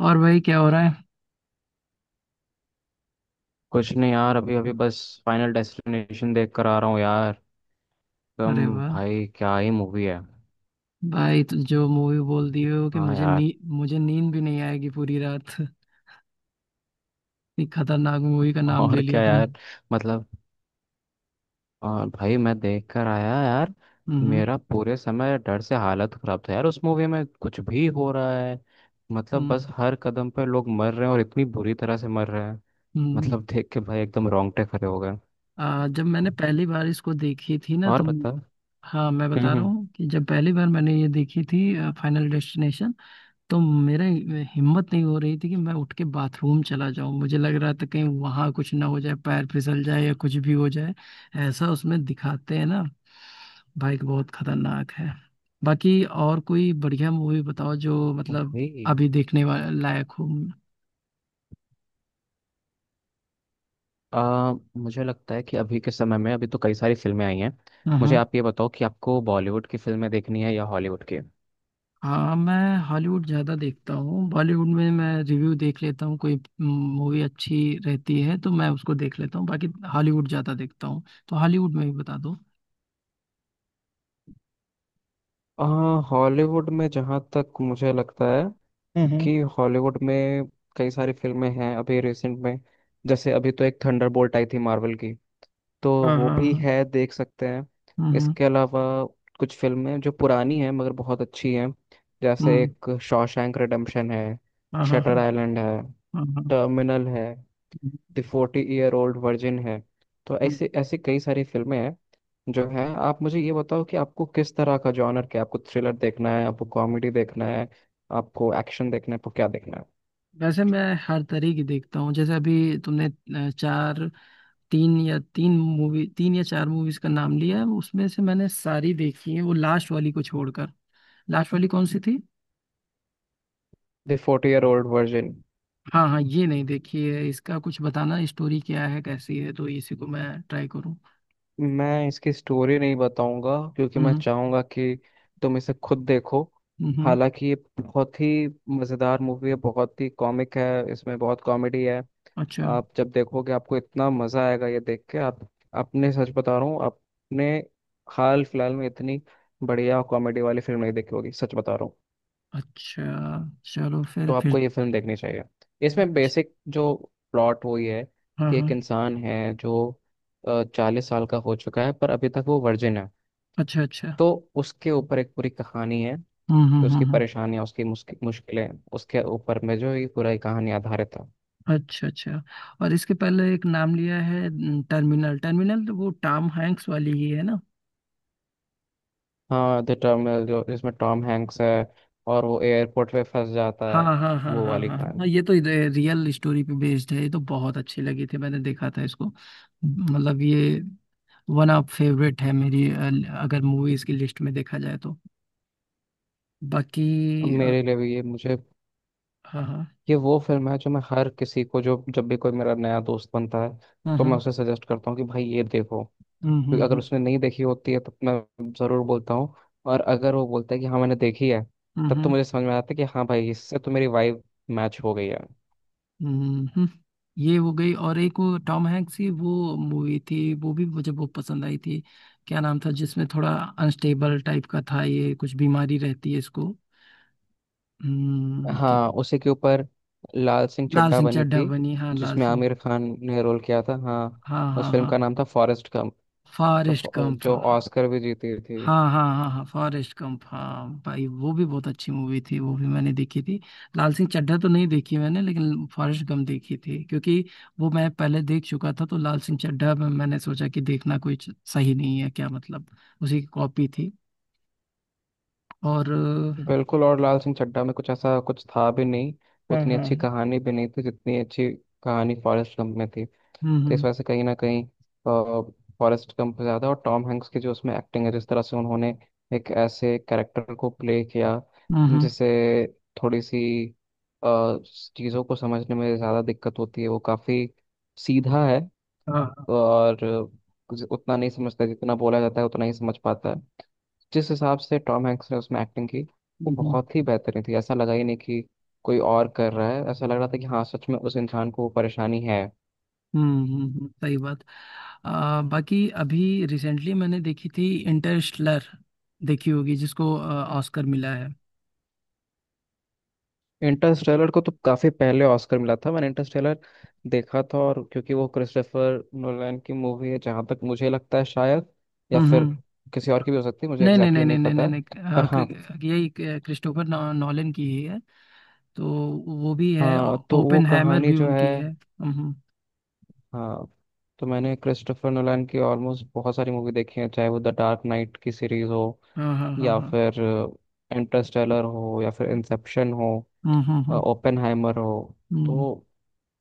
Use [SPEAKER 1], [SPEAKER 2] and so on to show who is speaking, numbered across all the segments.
[SPEAKER 1] और भाई क्या हो रहा है?
[SPEAKER 2] कुछ नहीं यार, अभी अभी बस फाइनल डेस्टिनेशन देख कर आ रहा हूँ यार। एकदम
[SPEAKER 1] अरे वाह।
[SPEAKER 2] भाई क्या ही मूवी है।
[SPEAKER 1] भाई तो जो मूवी बोल दिए हो कि
[SPEAKER 2] हाँ यार।
[SPEAKER 1] मुझे नींद भी नहीं आएगी पूरी रात। इतनी खतरनाक मूवी का नाम ले
[SPEAKER 2] और
[SPEAKER 1] लिया
[SPEAKER 2] क्या
[SPEAKER 1] तुम।
[SPEAKER 2] यार। मतलब और भाई मैं देख कर आया यार।
[SPEAKER 1] हम्म,
[SPEAKER 2] मेरा पूरे समय डर से हालत खराब था यार। उस मूवी में कुछ भी हो रहा है। मतलब
[SPEAKER 1] हम्म,
[SPEAKER 2] बस हर कदम पर लोग मर रहे हैं और इतनी बुरी तरह से मर रहे हैं।
[SPEAKER 1] हम्म।
[SPEAKER 2] मतलब देख के भाई एकदम रोंगटे खड़े हो गए।
[SPEAKER 1] जब मैंने पहली बार इसको देखी थी ना
[SPEAKER 2] और
[SPEAKER 1] तुम।
[SPEAKER 2] बता।
[SPEAKER 1] हाँ, मैं
[SPEAKER 2] हम्म
[SPEAKER 1] बता रहा
[SPEAKER 2] हम्म।
[SPEAKER 1] हूँ कि जब पहली बार मैंने ये देखी थी, फाइनल डेस्टिनेशन, तो मेरा हिम्मत नहीं हो रही थी कि मैं उठ के बाथरूम चला जाऊं, मुझे लग रहा था कहीं वहां कुछ ना हो जाए, पैर फिसल जाए या कुछ भी हो जाए। ऐसा उसमें दिखाते हैं ना। बाइक बहुत खतरनाक है। बाकी और कोई बढ़िया मूवी बताओ जो मतलब
[SPEAKER 2] भाई
[SPEAKER 1] अभी देखने लायक हो।
[SPEAKER 2] मुझे लगता है कि अभी के समय में अभी तो कई सारी फिल्में आई हैं। मुझे
[SPEAKER 1] हाँ,
[SPEAKER 2] आप ये बताओ कि आपको बॉलीवुड की फिल्में देखनी है या हॉलीवुड की।
[SPEAKER 1] हाँ, मैं हॉलीवुड ज़्यादा देखता हूँ। बॉलीवुड में मैं रिव्यू देख लेता हूँ, कोई मूवी अच्छी रहती है तो मैं उसको देख लेता हूँ। बाकी हॉलीवुड ज़्यादा देखता हूँ, तो हॉलीवुड में भी बता दो।
[SPEAKER 2] हाँ, हॉलीवुड में जहाँ तक मुझे लगता है
[SPEAKER 1] हम्म, हम्म,
[SPEAKER 2] कि हॉलीवुड में कई सारी फिल्में हैं अभी रिसेंट में। जैसे अभी तो एक थंडरबोल्ट आई थी मार्वल की, तो
[SPEAKER 1] हाँ
[SPEAKER 2] वो
[SPEAKER 1] हाँ
[SPEAKER 2] भी
[SPEAKER 1] हाँ,
[SPEAKER 2] है, देख सकते हैं।
[SPEAKER 1] हम्म,
[SPEAKER 2] इसके अलावा कुछ फिल्में जो पुरानी हैं मगर बहुत अच्छी हैं। जैसे
[SPEAKER 1] हम्म,
[SPEAKER 2] एक शॉशैंक रिडेम्पशन है,
[SPEAKER 1] हाँ हाँ हाँ
[SPEAKER 2] शटर
[SPEAKER 1] हाँ
[SPEAKER 2] आइलैंड है,
[SPEAKER 1] हाँ,
[SPEAKER 2] टर्मिनल है, द 40 ईयर ओल्ड वर्जिन है। तो
[SPEAKER 1] हम्म।
[SPEAKER 2] ऐसे ऐसे कई सारी फिल्में हैं जो हैं। आप मुझे ये बताओ कि आपको किस तरह का जॉनर क्या है? आपको थ्रिलर देखना है, आपको कॉमेडी देखना है, आपको एक्शन देखना है, आपको क्या देखना है।
[SPEAKER 1] वैसे मैं हर तरह की देखता हूँ। जैसे अभी तुमने चार तीन या तीन मूवी तीन या चार मूवीज का नाम लिया है, उसमें से मैंने सारी देखी है, वो लास्ट वाली को छोड़कर। लास्ट वाली कौन सी थी?
[SPEAKER 2] The 40 year old virgin.
[SPEAKER 1] हाँ, हाँ, ये नहीं देखी है, इसका कुछ बताना स्टोरी क्या है कैसी है, तो इसी को मैं ट्राई करूँ।
[SPEAKER 2] मैं इसकी स्टोरी नहीं बताऊंगा क्योंकि मैं
[SPEAKER 1] हम्म,
[SPEAKER 2] चाहूंगा कि तुम इसे खुद देखो।
[SPEAKER 1] हम्म,
[SPEAKER 2] हालांकि ये बहुत ही मज़ेदार मूवी है, बहुत ही कॉमिक है, इसमें बहुत कॉमेडी है।
[SPEAKER 1] अच्छा,
[SPEAKER 2] आप जब देखोगे, आपको इतना मजा आएगा ये देख के। आप, अपने सच बता रहा हूँ, अपने हाल फिलहाल में इतनी बढ़िया कॉमेडी वाली फिल्म नहीं देखी होगी, सच बता रहा हूँ।
[SPEAKER 1] अच्छा। चलो फिर
[SPEAKER 2] तो
[SPEAKER 1] फिर
[SPEAKER 2] आपको ये फिल्म देखनी चाहिए। इसमें
[SPEAKER 1] अच्छा।
[SPEAKER 2] बेसिक जो प्लॉट वो ये है
[SPEAKER 1] हाँ,
[SPEAKER 2] कि एक
[SPEAKER 1] हाँ।
[SPEAKER 2] इंसान है जो 40 साल का हो चुका है पर अभी तक वो वर्जिन है।
[SPEAKER 1] अच्छा, अच्छा।
[SPEAKER 2] तो उसके ऊपर एक पूरी कहानी है
[SPEAKER 1] हम्म, हम्म,
[SPEAKER 2] कि
[SPEAKER 1] हम्म,
[SPEAKER 2] उसकी परेशानियां, उसकी मुश्किल मुश्किलें, उसके ऊपर में जो ये पूरा एक कहानी आधारित है।
[SPEAKER 1] अच्छा, अच्छा। और इसके पहले एक नाम लिया है, टर्मिनल। टर्मिनल तो वो टॉम हैंक्स वाली ही है ना?
[SPEAKER 2] हाँ, द टर्मिनल, जो जिसमें टॉम हैंक्स है और वो एयरपोर्ट पे फंस जाता
[SPEAKER 1] हाँ
[SPEAKER 2] है,
[SPEAKER 1] हाँ हाँ हाँ
[SPEAKER 2] वो
[SPEAKER 1] हाँ
[SPEAKER 2] वाली
[SPEAKER 1] हाँ हाँ,
[SPEAKER 2] कहानी।
[SPEAKER 1] ये तो रियल स्टोरी पे बेस्ड है, ये तो बहुत अच्छी लगी थी, मैंने देखा था इसको। मतलब ये वन ऑफ फेवरेट है मेरी, अगर मूवीज की लिस्ट में देखा जाए तो। बाकी
[SPEAKER 2] अब
[SPEAKER 1] अ,
[SPEAKER 2] मेरे लिए भी ये, मुझे
[SPEAKER 1] हाँ हाँ
[SPEAKER 2] ये वो फिल्म है जो मैं हर किसी को, जो जब भी कोई मेरा नया दोस्त बनता है,
[SPEAKER 1] हाँ
[SPEAKER 2] तो मैं
[SPEAKER 1] हाँ,
[SPEAKER 2] उसे सजेस्ट करता हूँ कि भाई ये देखो।
[SPEAKER 1] हम्म, हम्म,
[SPEAKER 2] क्योंकि अगर
[SPEAKER 1] हम्म,
[SPEAKER 2] उसने नहीं देखी होती है तो मैं ज़रूर बोलता हूँ। और अगर वो बोलता है कि हाँ मैंने देखी है,
[SPEAKER 1] हम्म,
[SPEAKER 2] तब तो मुझे समझ में आता है कि हाँ भाई इससे तो मेरी वाइब मैच हो गई है।
[SPEAKER 1] हम्म। ये हो गई, और एक वो टॉम हैंक्स की वो मूवी थी, वो भी मुझे बहुत पसंद आई थी। क्या नाम था? जिसमें थोड़ा अनस्टेबल टाइप का था, ये कुछ बीमारी रहती है इसको। हम्म क्या-
[SPEAKER 2] हाँ, उसी के ऊपर लाल सिंह
[SPEAKER 1] लाल
[SPEAKER 2] चड्ढा
[SPEAKER 1] सिंह
[SPEAKER 2] बनी
[SPEAKER 1] चड्ढा
[SPEAKER 2] थी,
[SPEAKER 1] बनी, हाँ, लाल
[SPEAKER 2] जिसमें
[SPEAKER 1] सिंह।
[SPEAKER 2] आमिर खान ने रोल किया था। हाँ,
[SPEAKER 1] हाँ
[SPEAKER 2] उस
[SPEAKER 1] हाँ
[SPEAKER 2] फिल्म
[SPEAKER 1] हाँ,
[SPEAKER 2] का नाम था फॉरेस्ट गंप। तो
[SPEAKER 1] फॉरेस्ट गंप,
[SPEAKER 2] जो
[SPEAKER 1] हाँ
[SPEAKER 2] ऑस्कर भी जीती थी।
[SPEAKER 1] हाँ हाँ हाँ हाँ हाँ फॉरेस्ट गंप, हाँ भाई वो भी बहुत अच्छी मूवी थी, वो भी मैंने देखी थी। लाल सिंह चड्ढा तो नहीं देखी मैंने, लेकिन फॉरेस्ट गंप देखी थी, क्योंकि वो मैं पहले देख चुका था, तो लाल सिंह चड्ढा में मैंने सोचा कि देखना कोई सही नहीं है क्या, मतलब उसी की कॉपी थी। और
[SPEAKER 2] बिल्कुल, और लाल सिंह चड्ढा में कुछ ऐसा कुछ था भी नहीं।
[SPEAKER 1] हाँ
[SPEAKER 2] उतनी अच्छी
[SPEAKER 1] हाँ,
[SPEAKER 2] कहानी भी नहीं थी जितनी अच्छी कहानी फॉरेस्ट गंप में थी।
[SPEAKER 1] हम्म,
[SPEAKER 2] तो इस
[SPEAKER 1] हम्म,
[SPEAKER 2] वजह से कहीं ना कहीं फॉरेस्ट गंप ज़्यादा, और टॉम हैंक्स की जो उसमें एक्टिंग है, जिस तरह से उन्होंने एक ऐसे कैरेक्टर को प्ले किया
[SPEAKER 1] हम्म,
[SPEAKER 2] जिसे थोड़ी सी चीज़ों को समझने में ज़्यादा दिक्कत होती है, वो काफ़ी सीधा है
[SPEAKER 1] हाँ हाँ,
[SPEAKER 2] और कुछ उतना नहीं समझता, जितना बोला जाता है उतना ही समझ पाता है। जिस हिसाब से टॉम हैंक्स ने उसमें एक्टिंग की, वो
[SPEAKER 1] हम्म, हम्म।
[SPEAKER 2] बहुत ही बेहतरीन थी। ऐसा लगा ही नहीं कि कोई और कर रहा है, ऐसा लग रहा था कि हाँ सच में उस इंसान को वो परेशानी है।
[SPEAKER 1] हम्म, सही बात। बाकी अभी रिसेंटली मैंने देखी थी इंटरस्टेलर, देखी होगी। जिसको ऑस्कर मिला है।
[SPEAKER 2] इंटरस्टेलर को तो काफी पहले ऑस्कर मिला था। मैंने इंटरस्टेलर देखा था, और क्योंकि वो क्रिस्टोफर नोलन की मूवी है जहां तक मुझे लगता है, शायद, या
[SPEAKER 1] हम्म,
[SPEAKER 2] फिर किसी और की भी हो सकती है, मुझे
[SPEAKER 1] नहीं नहीं
[SPEAKER 2] एग्जैक्टली
[SPEAKER 1] नहीं
[SPEAKER 2] exactly
[SPEAKER 1] नहीं
[SPEAKER 2] नहीं
[SPEAKER 1] नहीं
[SPEAKER 2] पता
[SPEAKER 1] नहीं
[SPEAKER 2] है।
[SPEAKER 1] नहीं,
[SPEAKER 2] पर हाँ।
[SPEAKER 1] यही क्रिस्टोफर नॉलन की ही है। तो वो भी है।
[SPEAKER 2] हाँ तो वो
[SPEAKER 1] ओपेनहाइमर
[SPEAKER 2] कहानी
[SPEAKER 1] भी
[SPEAKER 2] जो है।
[SPEAKER 1] उनकी है। हम्म,
[SPEAKER 2] हाँ तो मैंने क्रिस्टोफर नोलन की ऑलमोस्ट बहुत सारी मूवी देखी है, चाहे वो द डार्क नाइट की सीरीज हो,
[SPEAKER 1] हाँ हाँ हाँ
[SPEAKER 2] या
[SPEAKER 1] हाँ,
[SPEAKER 2] फिर इंटरस्टेलर हो, या फिर इंसेप्शन हो,
[SPEAKER 1] हम्म, हम्म, हम्म,
[SPEAKER 2] ओपेनहाइमर हो। तो
[SPEAKER 1] हम्म,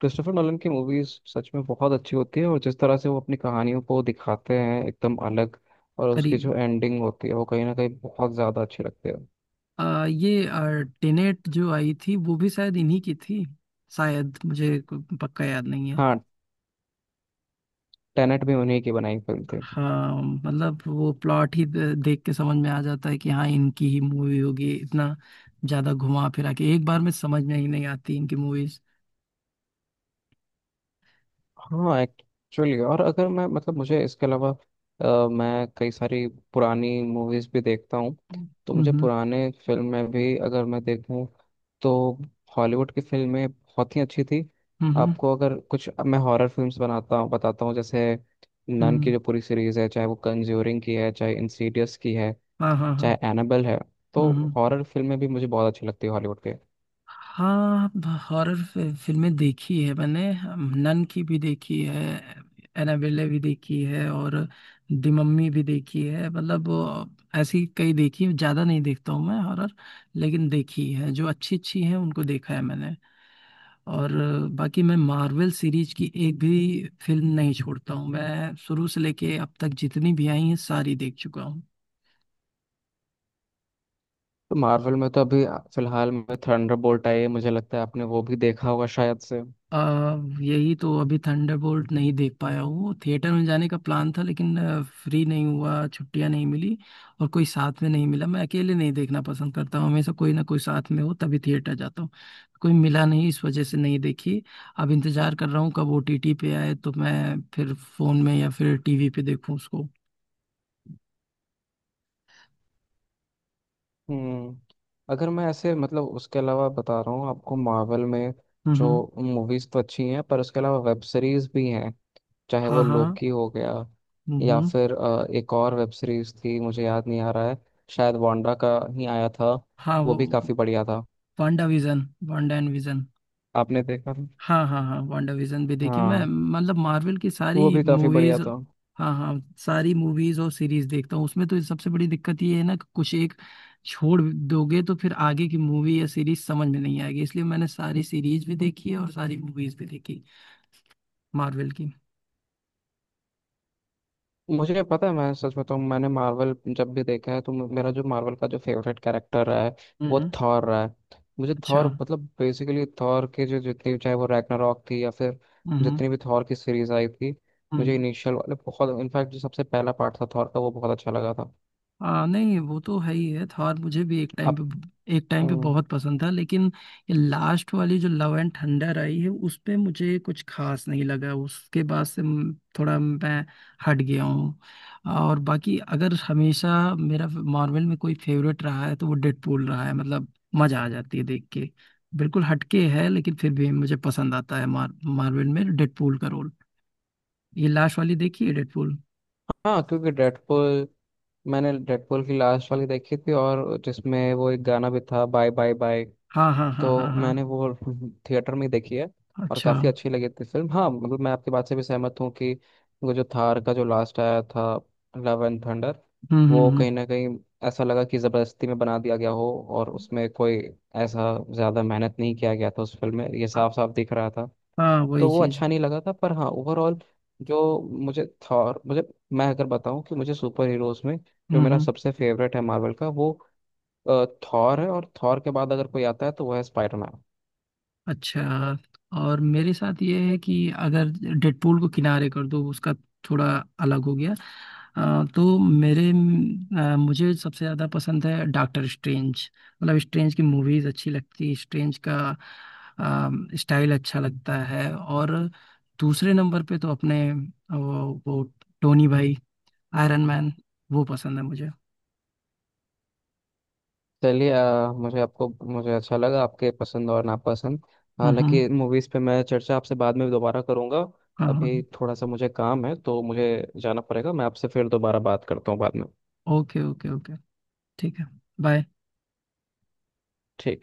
[SPEAKER 2] क्रिस्टोफर नॉलन की मूवीज सच में बहुत अच्छी होती है, और जिस तरह से वो अपनी कहानियों को दिखाते हैं एकदम अलग, और उसकी
[SPEAKER 1] करीब।
[SPEAKER 2] जो एंडिंग होती है वो कहीं ना कहीं बहुत ज़्यादा अच्छी लगती है।
[SPEAKER 1] ये टेनेट जो आई थी वो भी शायद इन्हीं की थी। शायद मुझे पक्का याद नहीं है।
[SPEAKER 2] हाँ, टेनेट भी उन्हीं की बनाई फिल्म थी।
[SPEAKER 1] हाँ, मतलब वो प्लॉट ही देख के समझ में आ जाता है कि हाँ इनकी ही मूवी होगी, इतना ज्यादा घुमा फिरा के एक बार में समझ में ही नहीं आती इनकी मूवीज।
[SPEAKER 2] हाँ एक्चुअली। और अगर मैं, मतलब मुझे इसके अलावा, मैं कई सारी पुरानी मूवीज भी देखता हूँ। तो मुझे
[SPEAKER 1] हम्म,
[SPEAKER 2] पुराने फिल्म में भी अगर मैं देखूँ, तो हॉलीवुड की फिल्में बहुत ही अच्छी थी।
[SPEAKER 1] हम्म, हम्म,
[SPEAKER 2] आपको अगर कुछ, अब मैं हॉरर फिल्म्स बनाता हूँ बताता हूँ, जैसे नन
[SPEAKER 1] हम्म,
[SPEAKER 2] की जो पूरी सीरीज है, चाहे वो कंज्यूरिंग की है, चाहे इंसीडियस की है,
[SPEAKER 1] हाँ हाँ हाँ,
[SPEAKER 2] चाहे एनाबेल है, तो
[SPEAKER 1] हम्म।
[SPEAKER 2] हॉरर फिल्में भी मुझे बहुत अच्छी लगती है हॉलीवुड के।
[SPEAKER 1] हाँ, हॉरर फिल्में देखी है मैंने। हम, नन की भी देखी है, एनाबेले भी देखी है, और दी मम्मी भी देखी है। मतलब ऐसी कई देखी, ज़्यादा नहीं देखता हूँ मैं हॉरर, लेकिन देखी है। जो अच्छी अच्छी है उनको देखा है मैंने। और बाकी मैं मार्वल सीरीज की एक भी फिल्म नहीं छोड़ता हूँ, मैं शुरू से लेके अब तक जितनी भी आई हैं सारी देख चुका हूँ।
[SPEAKER 2] तो मार्वल में तो अभी फिलहाल में थंडरबोल्ट आई है, मुझे लगता है आपने वो भी देखा होगा शायद से।
[SPEAKER 1] अ, यही तो, अभी थंडरबोल्ट नहीं देख पाया हूँ। थिएटर में जाने का प्लान था, लेकिन फ्री नहीं हुआ, छुट्टियाँ नहीं मिली, और कोई साथ में नहीं मिला। मैं अकेले नहीं देखना पसंद करता हूँ, हमेशा कोई ना कोई साथ में हो तभी थिएटर जाता हूँ। कोई मिला नहीं, इस वजह से नहीं देखी। अब इंतजार कर रहा हूँ कब ओटीटी पे आए, तो मैं फिर फोन में या फिर टीवी पे देखूँ उसको।
[SPEAKER 2] हम्म। अगर मैं ऐसे, मतलब उसके अलावा बता रहा हूँ आपको, मार्वल में
[SPEAKER 1] हम्म,
[SPEAKER 2] जो
[SPEAKER 1] हम्म,
[SPEAKER 2] मूवीज तो अच्छी हैं, पर उसके अलावा वेब सीरीज भी हैं। चाहे
[SPEAKER 1] हाँ
[SPEAKER 2] वो
[SPEAKER 1] हाँ,
[SPEAKER 2] लोकी हो गया, या
[SPEAKER 1] हम्म,
[SPEAKER 2] फिर एक और वेब सीरीज थी मुझे याद नहीं आ रहा है। शायद वांडा का ही आया था।
[SPEAKER 1] हाँ
[SPEAKER 2] वो
[SPEAKER 1] वो,
[SPEAKER 2] भी काफी बढ़िया था।
[SPEAKER 1] Wanda Vision, Wanda and Vision.
[SPEAKER 2] आपने देखा था?
[SPEAKER 1] हाँ हाँ हाँ, वांडा विजन भी देखी मैं,
[SPEAKER 2] हाँ,
[SPEAKER 1] मतलब मार्वल की
[SPEAKER 2] वो
[SPEAKER 1] सारी
[SPEAKER 2] भी काफी बढ़िया
[SPEAKER 1] मूवीज।
[SPEAKER 2] था।
[SPEAKER 1] हाँ हाँ, सारी मूवीज और सीरीज देखता हूँ। उसमें तो सबसे बड़ी दिक्कत ये है ना, कि कुछ एक छोड़ दोगे तो फिर आगे की मूवी या सीरीज समझ में नहीं आएगी, इसलिए मैंने सारी सीरीज भी देखी है और सारी मूवीज भी देखी, मार्वल की।
[SPEAKER 2] मुझे पता है। मैं सच बताऊं, मैंने मार्वल जब भी देखा है, तो मेरा जो मार्वल का जो फेवरेट कैरेक्टर रहा है वो
[SPEAKER 1] हम्म,
[SPEAKER 2] थॉर रहा है। मुझे
[SPEAKER 1] अच्छा,
[SPEAKER 2] थॉर, मतलब बेसिकली थॉर के जो, जितनी चाहे वो रैग्नारॉक थी, या फिर
[SPEAKER 1] हम्म,
[SPEAKER 2] जितनी भी थॉर की सीरीज आई थी, मुझे
[SPEAKER 1] हम्म।
[SPEAKER 2] इनिशियल वाले बहुत, इनफैक्ट जो सबसे पहला पार्ट था थॉर का वो बहुत अच्छा लगा था।
[SPEAKER 1] हाँ नहीं, वो तो है ही है, थॉर मुझे भी एक टाइम
[SPEAKER 2] आप।
[SPEAKER 1] पे एक टाइम पे
[SPEAKER 2] हम्म।
[SPEAKER 1] बहुत पसंद था, लेकिन ये लास्ट वाली जो लव एंड थंडर आई है उस पे मुझे कुछ खास नहीं लगा। उसके बाद से थोड़ा मैं हट गया हूँ। और बाकी अगर हमेशा मेरा मार्वल में कोई फेवरेट रहा है तो वो डेडपूल रहा है, मतलब मजा आ जाती है देख के। बिल्कुल हटके है, लेकिन फिर भी मुझे पसंद आता है मार्वल में डेडपूल का रोल। ये लास्ट वाली देखी है डेडपूल।
[SPEAKER 2] हाँ क्योंकि डेडपुल, मैंने डेडपुल की लास्ट वाली देखी थी, और जिसमें वो एक गाना भी था, बाय बाय बाय।
[SPEAKER 1] हाँ हाँ हाँ हाँ
[SPEAKER 2] तो
[SPEAKER 1] हाँ,
[SPEAKER 2] मैंने वो थिएटर में ही देखी है, और
[SPEAKER 1] अच्छा,
[SPEAKER 2] काफ़ी अच्छी लगी थी फिल्म। हाँ मतलब मैं आपकी बात से भी सहमत हूँ कि वो जो थार का जो लास्ट आया था, लव एंड थंडर,
[SPEAKER 1] हम्म, हम्म,
[SPEAKER 2] वो
[SPEAKER 1] हम्म,
[SPEAKER 2] कहीं ना कहीं ऐसा लगा कि ज़बरदस्ती में बना दिया गया हो, और उसमें कोई ऐसा ज़्यादा मेहनत नहीं किया गया था उस फिल्म में, ये साफ साफ दिख रहा था।
[SPEAKER 1] हाँ
[SPEAKER 2] तो
[SPEAKER 1] वही
[SPEAKER 2] वो
[SPEAKER 1] चीज,
[SPEAKER 2] अच्छा नहीं लगा था, पर हाँ ओवरऑल, जो मुझे थॉर, मुझे, मैं अगर बताऊं कि मुझे सुपर हीरोज़ में जो मेरा
[SPEAKER 1] हम्म,
[SPEAKER 2] सबसे फेवरेट है मार्वल का, वो थॉर है। और थॉर के बाद अगर कोई आता है तो वो है स्पाइडरमैन।
[SPEAKER 1] अच्छा। और मेरे साथ ये है कि अगर डेडपूल को किनारे कर दो, उसका थोड़ा अलग हो गया। तो मेरे मुझे सबसे ज्यादा पसंद है डॉक्टर स्ट्रेंज। मतलब स्ट्रेंज की मूवीज अच्छी लगती है, स्ट्रेंज का स्टाइल अच्छा लगता है। और दूसरे नंबर पे तो अपने वो टोनी भाई, आयरन मैन, वो पसंद है मुझे।
[SPEAKER 2] चलिए, मुझे, आपको, मुझे अच्छा लगा आपके पसंद और नापसंद।
[SPEAKER 1] हम्म, हम्म,
[SPEAKER 2] हालांकि मूवीज़ पे मैं चर्चा आपसे बाद में दोबारा करूँगा।
[SPEAKER 1] हाँ, हाँ,
[SPEAKER 2] अभी थोड़ा सा मुझे काम है तो मुझे जाना पड़ेगा। मैं आपसे फिर दोबारा बात करता हूँ बाद में।
[SPEAKER 1] ओके ओके ओके, ठीक है, बाय।
[SPEAKER 2] ठीक।